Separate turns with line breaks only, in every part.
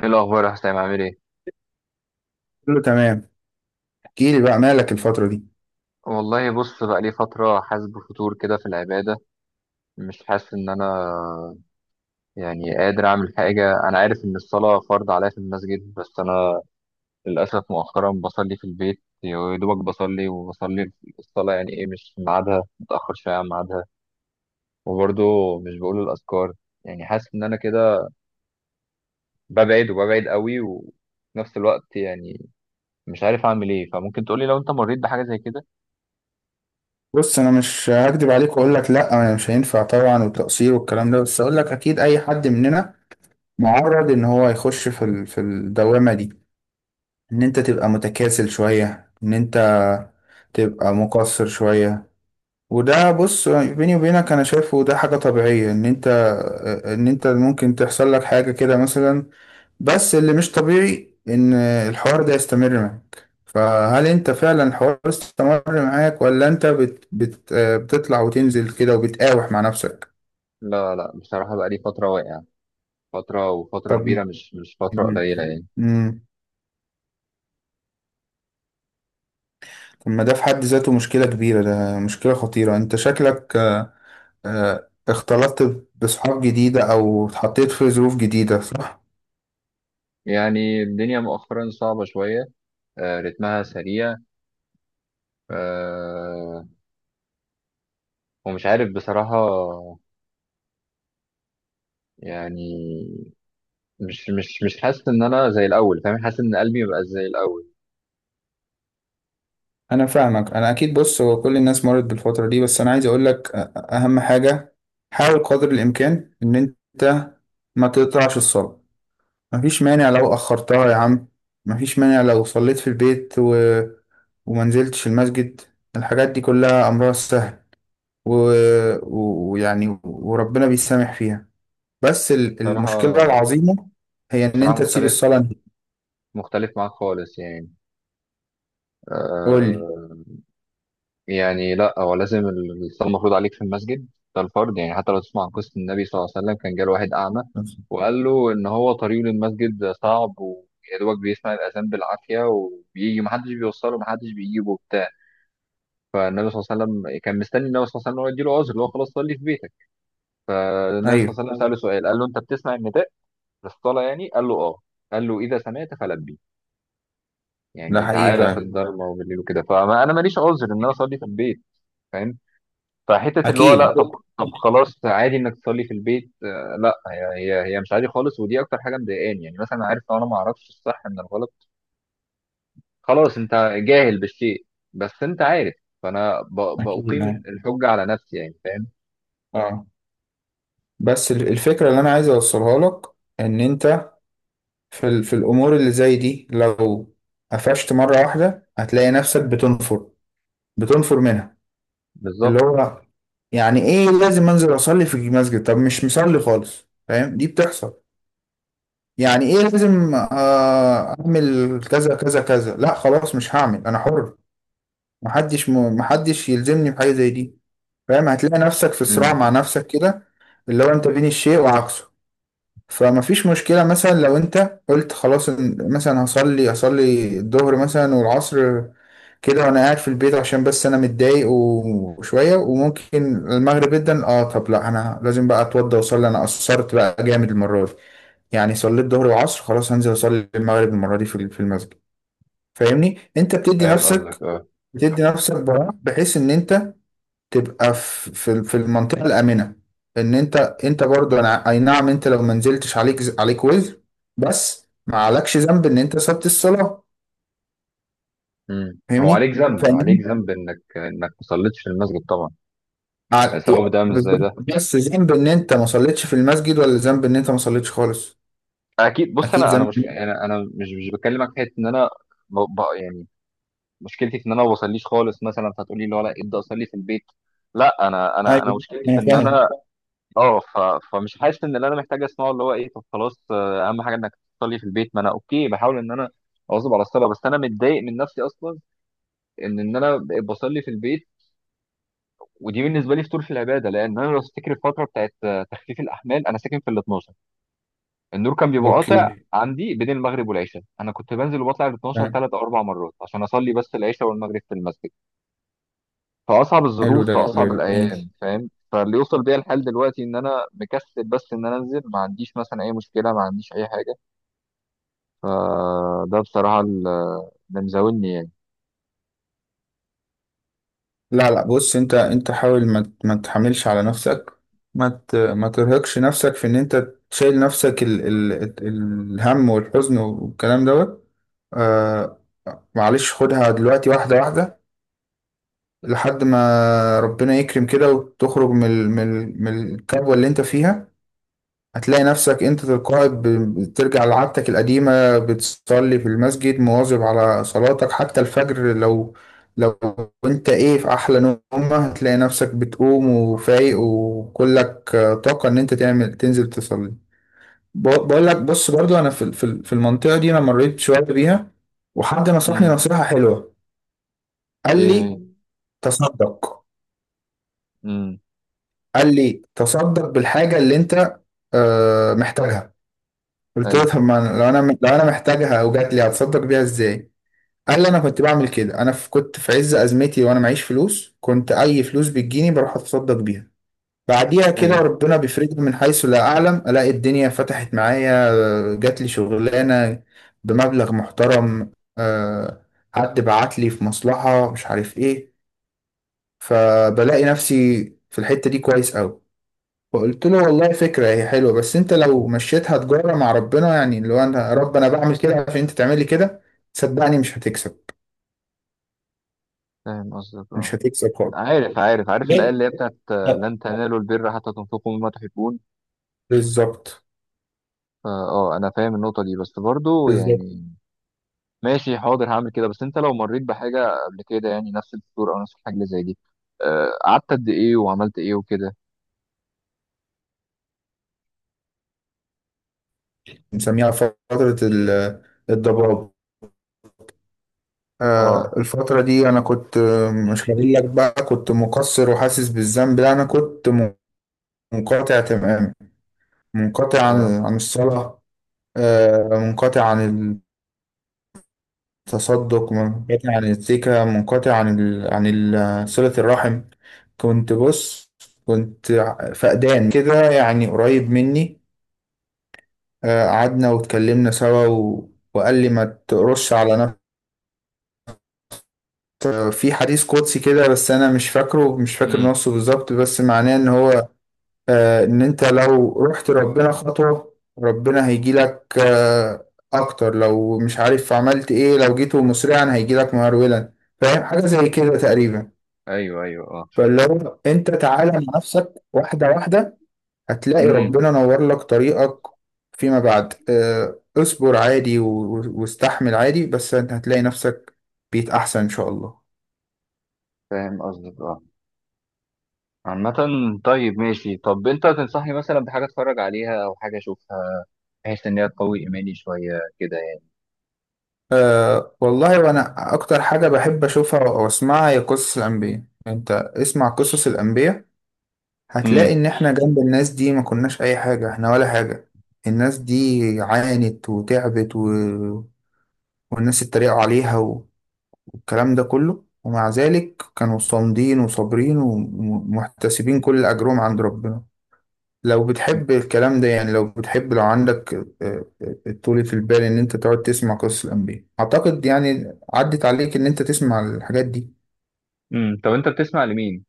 ايه الاخبار يا حسام، عامل ايه؟
كله تمام. احكي لي بقى، مالك الفترة دي؟
والله بص، بقى لي فتره حاسس بفتور كده في العباده. مش حاسس ان انا يعني قادر اعمل حاجه. انا عارف ان الصلاه فرض عليا في المسجد، بس انا للاسف مؤخرا بصلي في البيت، يا دوبك بصلي. وبصلي الصلاه يعني ايه؟ مش في ميعادها، متاخر شويه عن ميعادها. وبرضه مش بقول الاذكار. يعني حاسس ان انا كده ببعد وببعد قوي، وفي نفس الوقت يعني مش عارف اعمل ايه. فممكن تقولي لو انت مريت بحاجه زي كده؟
بص، انا مش هكدب عليك واقول لك لا، انا مش هينفع طبعا والتقصير والكلام ده. بس اقول لك اكيد اي حد مننا معرض ان هو يخش في في الدوامة دي، ان انت تبقى متكاسل شوية، ان انت تبقى مقصر شوية. وده بص، بيني وبينك انا شايفه ده حاجة طبيعية، ان انت ان انت ممكن تحصل لك حاجة كده مثلا. بس اللي مش طبيعي ان الحوار ده يستمر معاك. فهل انت فعلا الحوار استمر معاك، ولا انت بت بت آه، بتطلع وتنزل كده وبتقاوح مع نفسك؟
لا لا، بصراحه بقى لي فتره واقع. فترة وفترة
طب.
كبيرة، مش فترة قليلة يعني.
امم طب، ما ده في حد ذاته مشكلة كبيرة، ده مشكلة خطيرة. انت شكلك اختلطت بصحاب جديدة او اتحطيت في ظروف جديدة، صح؟
يعني الدنيا مؤخرا صعبة شوية. رتمها سريع. آه، ومش عارف بصراحة يعني. مش حاسس إن أنا زي الأول، فاهم. حاسس إن قلبي مبقاش زي الأول.
انا فاهمك. انا اكيد بص، هو كل الناس مرت بالفتره دي. بس انا عايز اقول لك، اهم حاجه حاول قدر الامكان ان انت ما تقطعش الصلاه. مفيش مانع لو اخرتها يا عم، مفيش مانع لو صليت في البيت و... وما نزلتش المسجد. الحاجات دي كلها امرها سهل، ويعني وربنا بيسامح فيها. بس المشكله
بصراحة،
العظيمه هي ان
بصراحة
انت تسيب
مختلف.
الصلاه دي.
مختلف معاك خالص يعني.
قول لي.
آه، يعني لا، هو لازم الصلاة المفروض عليك في المسجد. ده الفرض يعني. حتى لو تسمع عن قصة النبي صلى الله عليه وسلم، كان جاله واحد أعمى وقال له إن هو طريقه للمسجد صعب، ويا دوبك بيسمع الأذان بالعافية، وبيجي محدش بيوصله، محدش بيجيبه وبتاع. فالنبي صلى الله عليه وسلم كان مستني النبي صلى الله عليه وسلم إن هو يديله عذر، اللي هو خلاص صلي في بيتك. فالنبي صلى
ايوه،
الله عليه وسلم سأله سؤال، قال له: أنت بتسمع النداء للصلاة؟ يعني. قال له آه. قال له: إذا سمعت فلبي،
ده
يعني
حقيقي
تعالى في
فعلا.
الضلمة وبالليل وكده. فأنا ماليش عذر إن أنا أصلي في البيت، فاهم. فحته اللي هو
اكيد.
لا، طب. طب خلاص، عادي انك تصلي في البيت؟ لا، هي مش عادي خالص. ودي اكتر حاجه مضايقاني يعني. مثلا عارف، لو انا ما اعرفش الصح من الغلط، خلاص انت جاهل بالشيء. بس انت عارف، فانا
اكيد
بقيم
يعني.
الحجه على نفسي يعني، فاهم.
اه. بس الفكرة اللي أنا عايز أوصلها لك، إن أنت في الأمور اللي زي دي لو قفشت مرة واحدة هتلاقي نفسك بتنفر، منها. اللي
بالظبط.
هو، يعني إيه لازم أنزل أصلي في المسجد؟ طب مش مصلي خالص، فاهم؟ دي بتحصل. يعني إيه لازم أعمل كذا كذا كذا؟ لا خلاص مش هعمل، أنا حر. محدش يلزمني بحاجة زي دي. فاهم؟ هتلاقي نفسك في صراع
امم،
مع نفسك كده، اللي هو أنت بين الشيء وعكسه. فما فيش مشكلة مثلا لو انت قلت خلاص، مثلا هصلي الظهر مثلا والعصر كده وانا قاعد في البيت عشان بس انا متضايق و- وشوية، وممكن المغرب جدا اه. طب لا، انا لازم بقى اتوضى واصلي، انا قصرت بقى جامد المرة دي. يعني صليت الظهر والعصر، خلاص هنزل اصلي المغرب المرة دي في المسجد. فاهمني؟ انت بتدي
فاهم قصدك،
نفسك،
اه.
براح بحيث ان انت تبقى في المنطقه الامنه، ان انت برضو. انا اي نعم، انت لو ما نزلتش عليك عليك وزر، بس ما عليكش ذنب ان انت سبت الصلاه.
امم، هو
فاهمني؟
عليك ذنب، عليك
فاهمني
ذنب انك ما صليتش في المسجد طبعا.
ع-
سواء ده مش زي
بالظبط.
ده.
بس ذنب ان انت ما صليتش في المسجد، ولا ذنب ان انت ما صليتش خالص؟
اكيد. بص
اكيد
انا، انا
ذنب.
مش انا انا مش مش بكلمك في حته ان انا يعني مشكلتي في ان انا ما بصليش خالص مثلا، فهتقولي لي ولا ابدا اصلي في البيت. لا، انا انا
ايوه
مشكلتي في
انا
ان
فاهم.
انا اه فمش حاسس ان اللي انا محتاج اسمعه اللي هو ايه. طب خلاص، اهم حاجه انك تصلي في البيت. ما انا اوكي، بحاول ان انا اواظب على الصلاه. بس انا متضايق من نفسي اصلا ان انا بقيت بصلي في البيت. ودي بالنسبه لي فطور في العباده. لان انا لو تفتكر الفتره بتاعت تخفيف الاحمال، انا ساكن في ال 12. النور كان بيبقى قاطع
اوكي،
عندي بين المغرب والعشاء، انا كنت بنزل وبطلع ال 12
تمام.
ثلاث او اربع مرات عشان اصلي بس العشاء والمغرب في المسجد. في اصعب
حلو،
الظروف،
ده
في اصعب
جميل.
الايام، فاهم. فاللي يوصل بيا الحال دلوقتي ان انا مكسل بس ان انا انزل، ما عنديش مثلا اي مشكله، ما عنديش اي حاجه. فده بصراحه اللي مزاولني يعني.
لا لا بص، انت حاول ما تحملش على نفسك، ما ترهقش نفسك في ان انت تشيل نفسك الهم والحزن والكلام دوت. آه معلش خدها دلوقتي واحدة واحدة، لحد ما ربنا يكرم كده وتخرج من الكبوة اللي انت فيها. هتلاقي نفسك انت تلقائي بترجع لعادتك القديمة، بتصلي في المسجد مواظب على صلاتك، حتى الفجر. لو انت ايه في احلى نومة هتلاقي نفسك بتقوم وفايق وكلك طاقة ان انت تعمل تنزل تصلي. بقول لك، بص برضو انا في المنطقة دي انا مريت شوية بيها، وحد نصحني
امم،
نصيحة حلوة. قال لي
ايه،
تصدق.
امم،
قال لي تصدق بالحاجة اللي انت محتاجها. قلت له
ايوه
طب ما أنا- لو انا محتاجها او جات لي هتصدق بيها ازاي؟ قال لي انا كنت بعمل كده. انا كنت في عز ازمتي وانا معيش فلوس، كنت اي فلوس بتجيني بروح اتصدق بيها. بعديها كده
ايوه،
ربنا بيفرجني من حيث لا اعلم، الاقي الدنيا فتحت معايا، جات لي شغلانه بمبلغ محترم، آه، حد بعت لي في مصلحه مش عارف ايه. فبلاقي نفسي في الحته دي كويس قوي. فقلت له والله فكرة هي حلوة، بس انت لو مشيتها تجارة مع ربنا، يعني اللي هو انا يا رب انا بعمل كده عشان انت تعملي كده، صدقني مش هتكسب.
فاهم قصدك اه.
مش هتكسب خالص،
عارف عارف عارف، الايه
بجد.
اللي هي بتاعت
طب.
لن تنالوا البر حتى تنفقوا مما تحبون.
بالظبط.
فا اه، انا فاهم النقطه دي، بس برضو
بالظبط.
يعني ماشي حاضر هعمل كده. بس انت لو مريت بحاجه قبل كده، يعني نفس الدكتور او نفس الحاجه اللي زي دي، قعدت قد ايه وعملت ايه وكده؟
بنسميها فترة الضباب.
اه،
الفترة دي أنا كنت، مش هقول لك بقى كنت مقصر وحاسس بالذنب، لا أنا كنت منقطع تماما، منقطع
اه،
عن الصلاة. منقطع عن، تصدق، منقطع عن السكة، منقطع عن صلة الرحم. كنت بص، كنت فقدان كده يعني قريب مني. قعدنا واتكلمنا سوا و... وقال لي ما تقرش على نفسك. في حديث قدسي كده، بس انا مش فاكر
امم،
نصه بالظبط، بس معناه ان هو ان انت لو رحت ربنا خطوة ربنا هيجيلك اكتر. لو مش عارف عملت ايه، لو جيت مسرعا هيجيلك مهرولا. فاهم؟ حاجة زي كده تقريبا.
ايوه ايوه اه،
فلو انت تعالى مع نفسك واحدة واحدة هتلاقي
امم،
ربنا نور لك طريقك فيما بعد. اه، اصبر عادي و- واستحمل عادي، بس انت هتلاقي نفسك بيت احسن ان شاء الله.
فاهم قصدك اه. عامة طيب ماشي. طب انت تنصحني مثلا بحاجة اتفرج عليها او حاجة اشوفها، بحيث ان هي تقوي ايماني شوية كده يعني؟
والله وانا اكتر حاجة بحب اشوفها او اسمعها هي قصص الانبياء. انت اسمع قصص الانبياء هتلاقي
امم.
ان احنا جنب الناس دي ما كناش اي حاجة، احنا ولا حاجة. الناس دي عانت وتعبت و... والناس اتريقوا عليها الكلام ده كله، ومع ذلك كانوا صامدين وصابرين ومحتسبين كل أجرهم عند ربنا. لو بتحب الكلام ده، يعني لو بتحب لو عندك طولة البال إن أنت تقعد تسمع قصص الأنبياء، أعتقد يعني عدت عليك إن أنت تسمع الحاجات دي.
امم، طب انت بتسمع لمين؟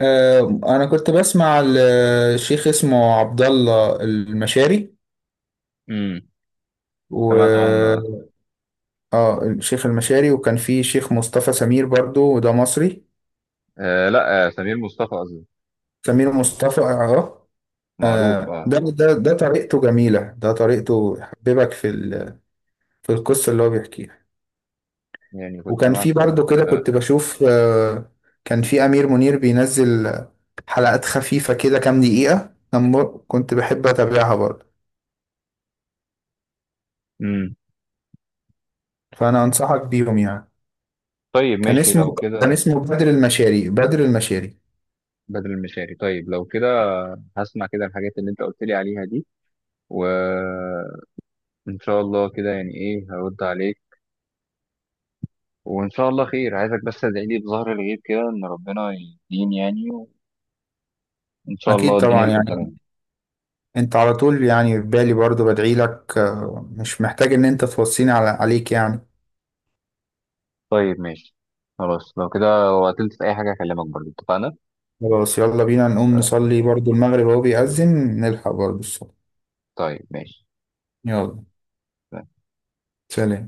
أنا كنت بسمع الشيخ، اسمه عبد الله المشاري.
امم.
و
سمعت عنه
اه الشيخ المشاري. وكان في شيخ مصطفى سمير برضو، وده مصري.
لا آه، سمير مصطفى قصدي.
سمير مصطفى اه.
معروف اه.
ده طريقته جميلة، ده طريقته يحببك في القصة اللي هو بيحكيها.
يعني كنت
وكان في
سمعت
برضه كده كنت بشوف، كان في أمير منير بينزل حلقات خفيفة كده كام دقيقة، كنت بحب أتابعها برضه.
امم.
فأنا أنصحك بيهم يعني.
طيب
كان
ماشي
اسمه،
لو كده.
بدر المشاري. بدر المشاري.
بدل المشاري. طيب لو كده هسمع كده الحاجات اللي انت قلت لي عليها دي، وان شاء الله كده يعني ايه هرد عليك. وإن شاء الله خير، عايزك بس تدعي لي بظهر الغيب كده إن ربنا يهديني يعني. وإن شاء الله
أكيد
الدنيا
طبعا
أكيد تكون طبعا
يعني.
تمام.
أنت على طول يعني في بالي، برضه بدعي لك. مش محتاج إن أنت توصيني عليك يعني.
طيب ماشي، خلاص لو كده. وقتلت في أي حاجة أكلمك برضه، اتفقنا؟
خلاص، يلا بينا نقوم
طيب.
نصلي برضو المغرب، وهو بيأذن نلحق برضو الصلاة.
طيب، ماشي.
يلا. سلام.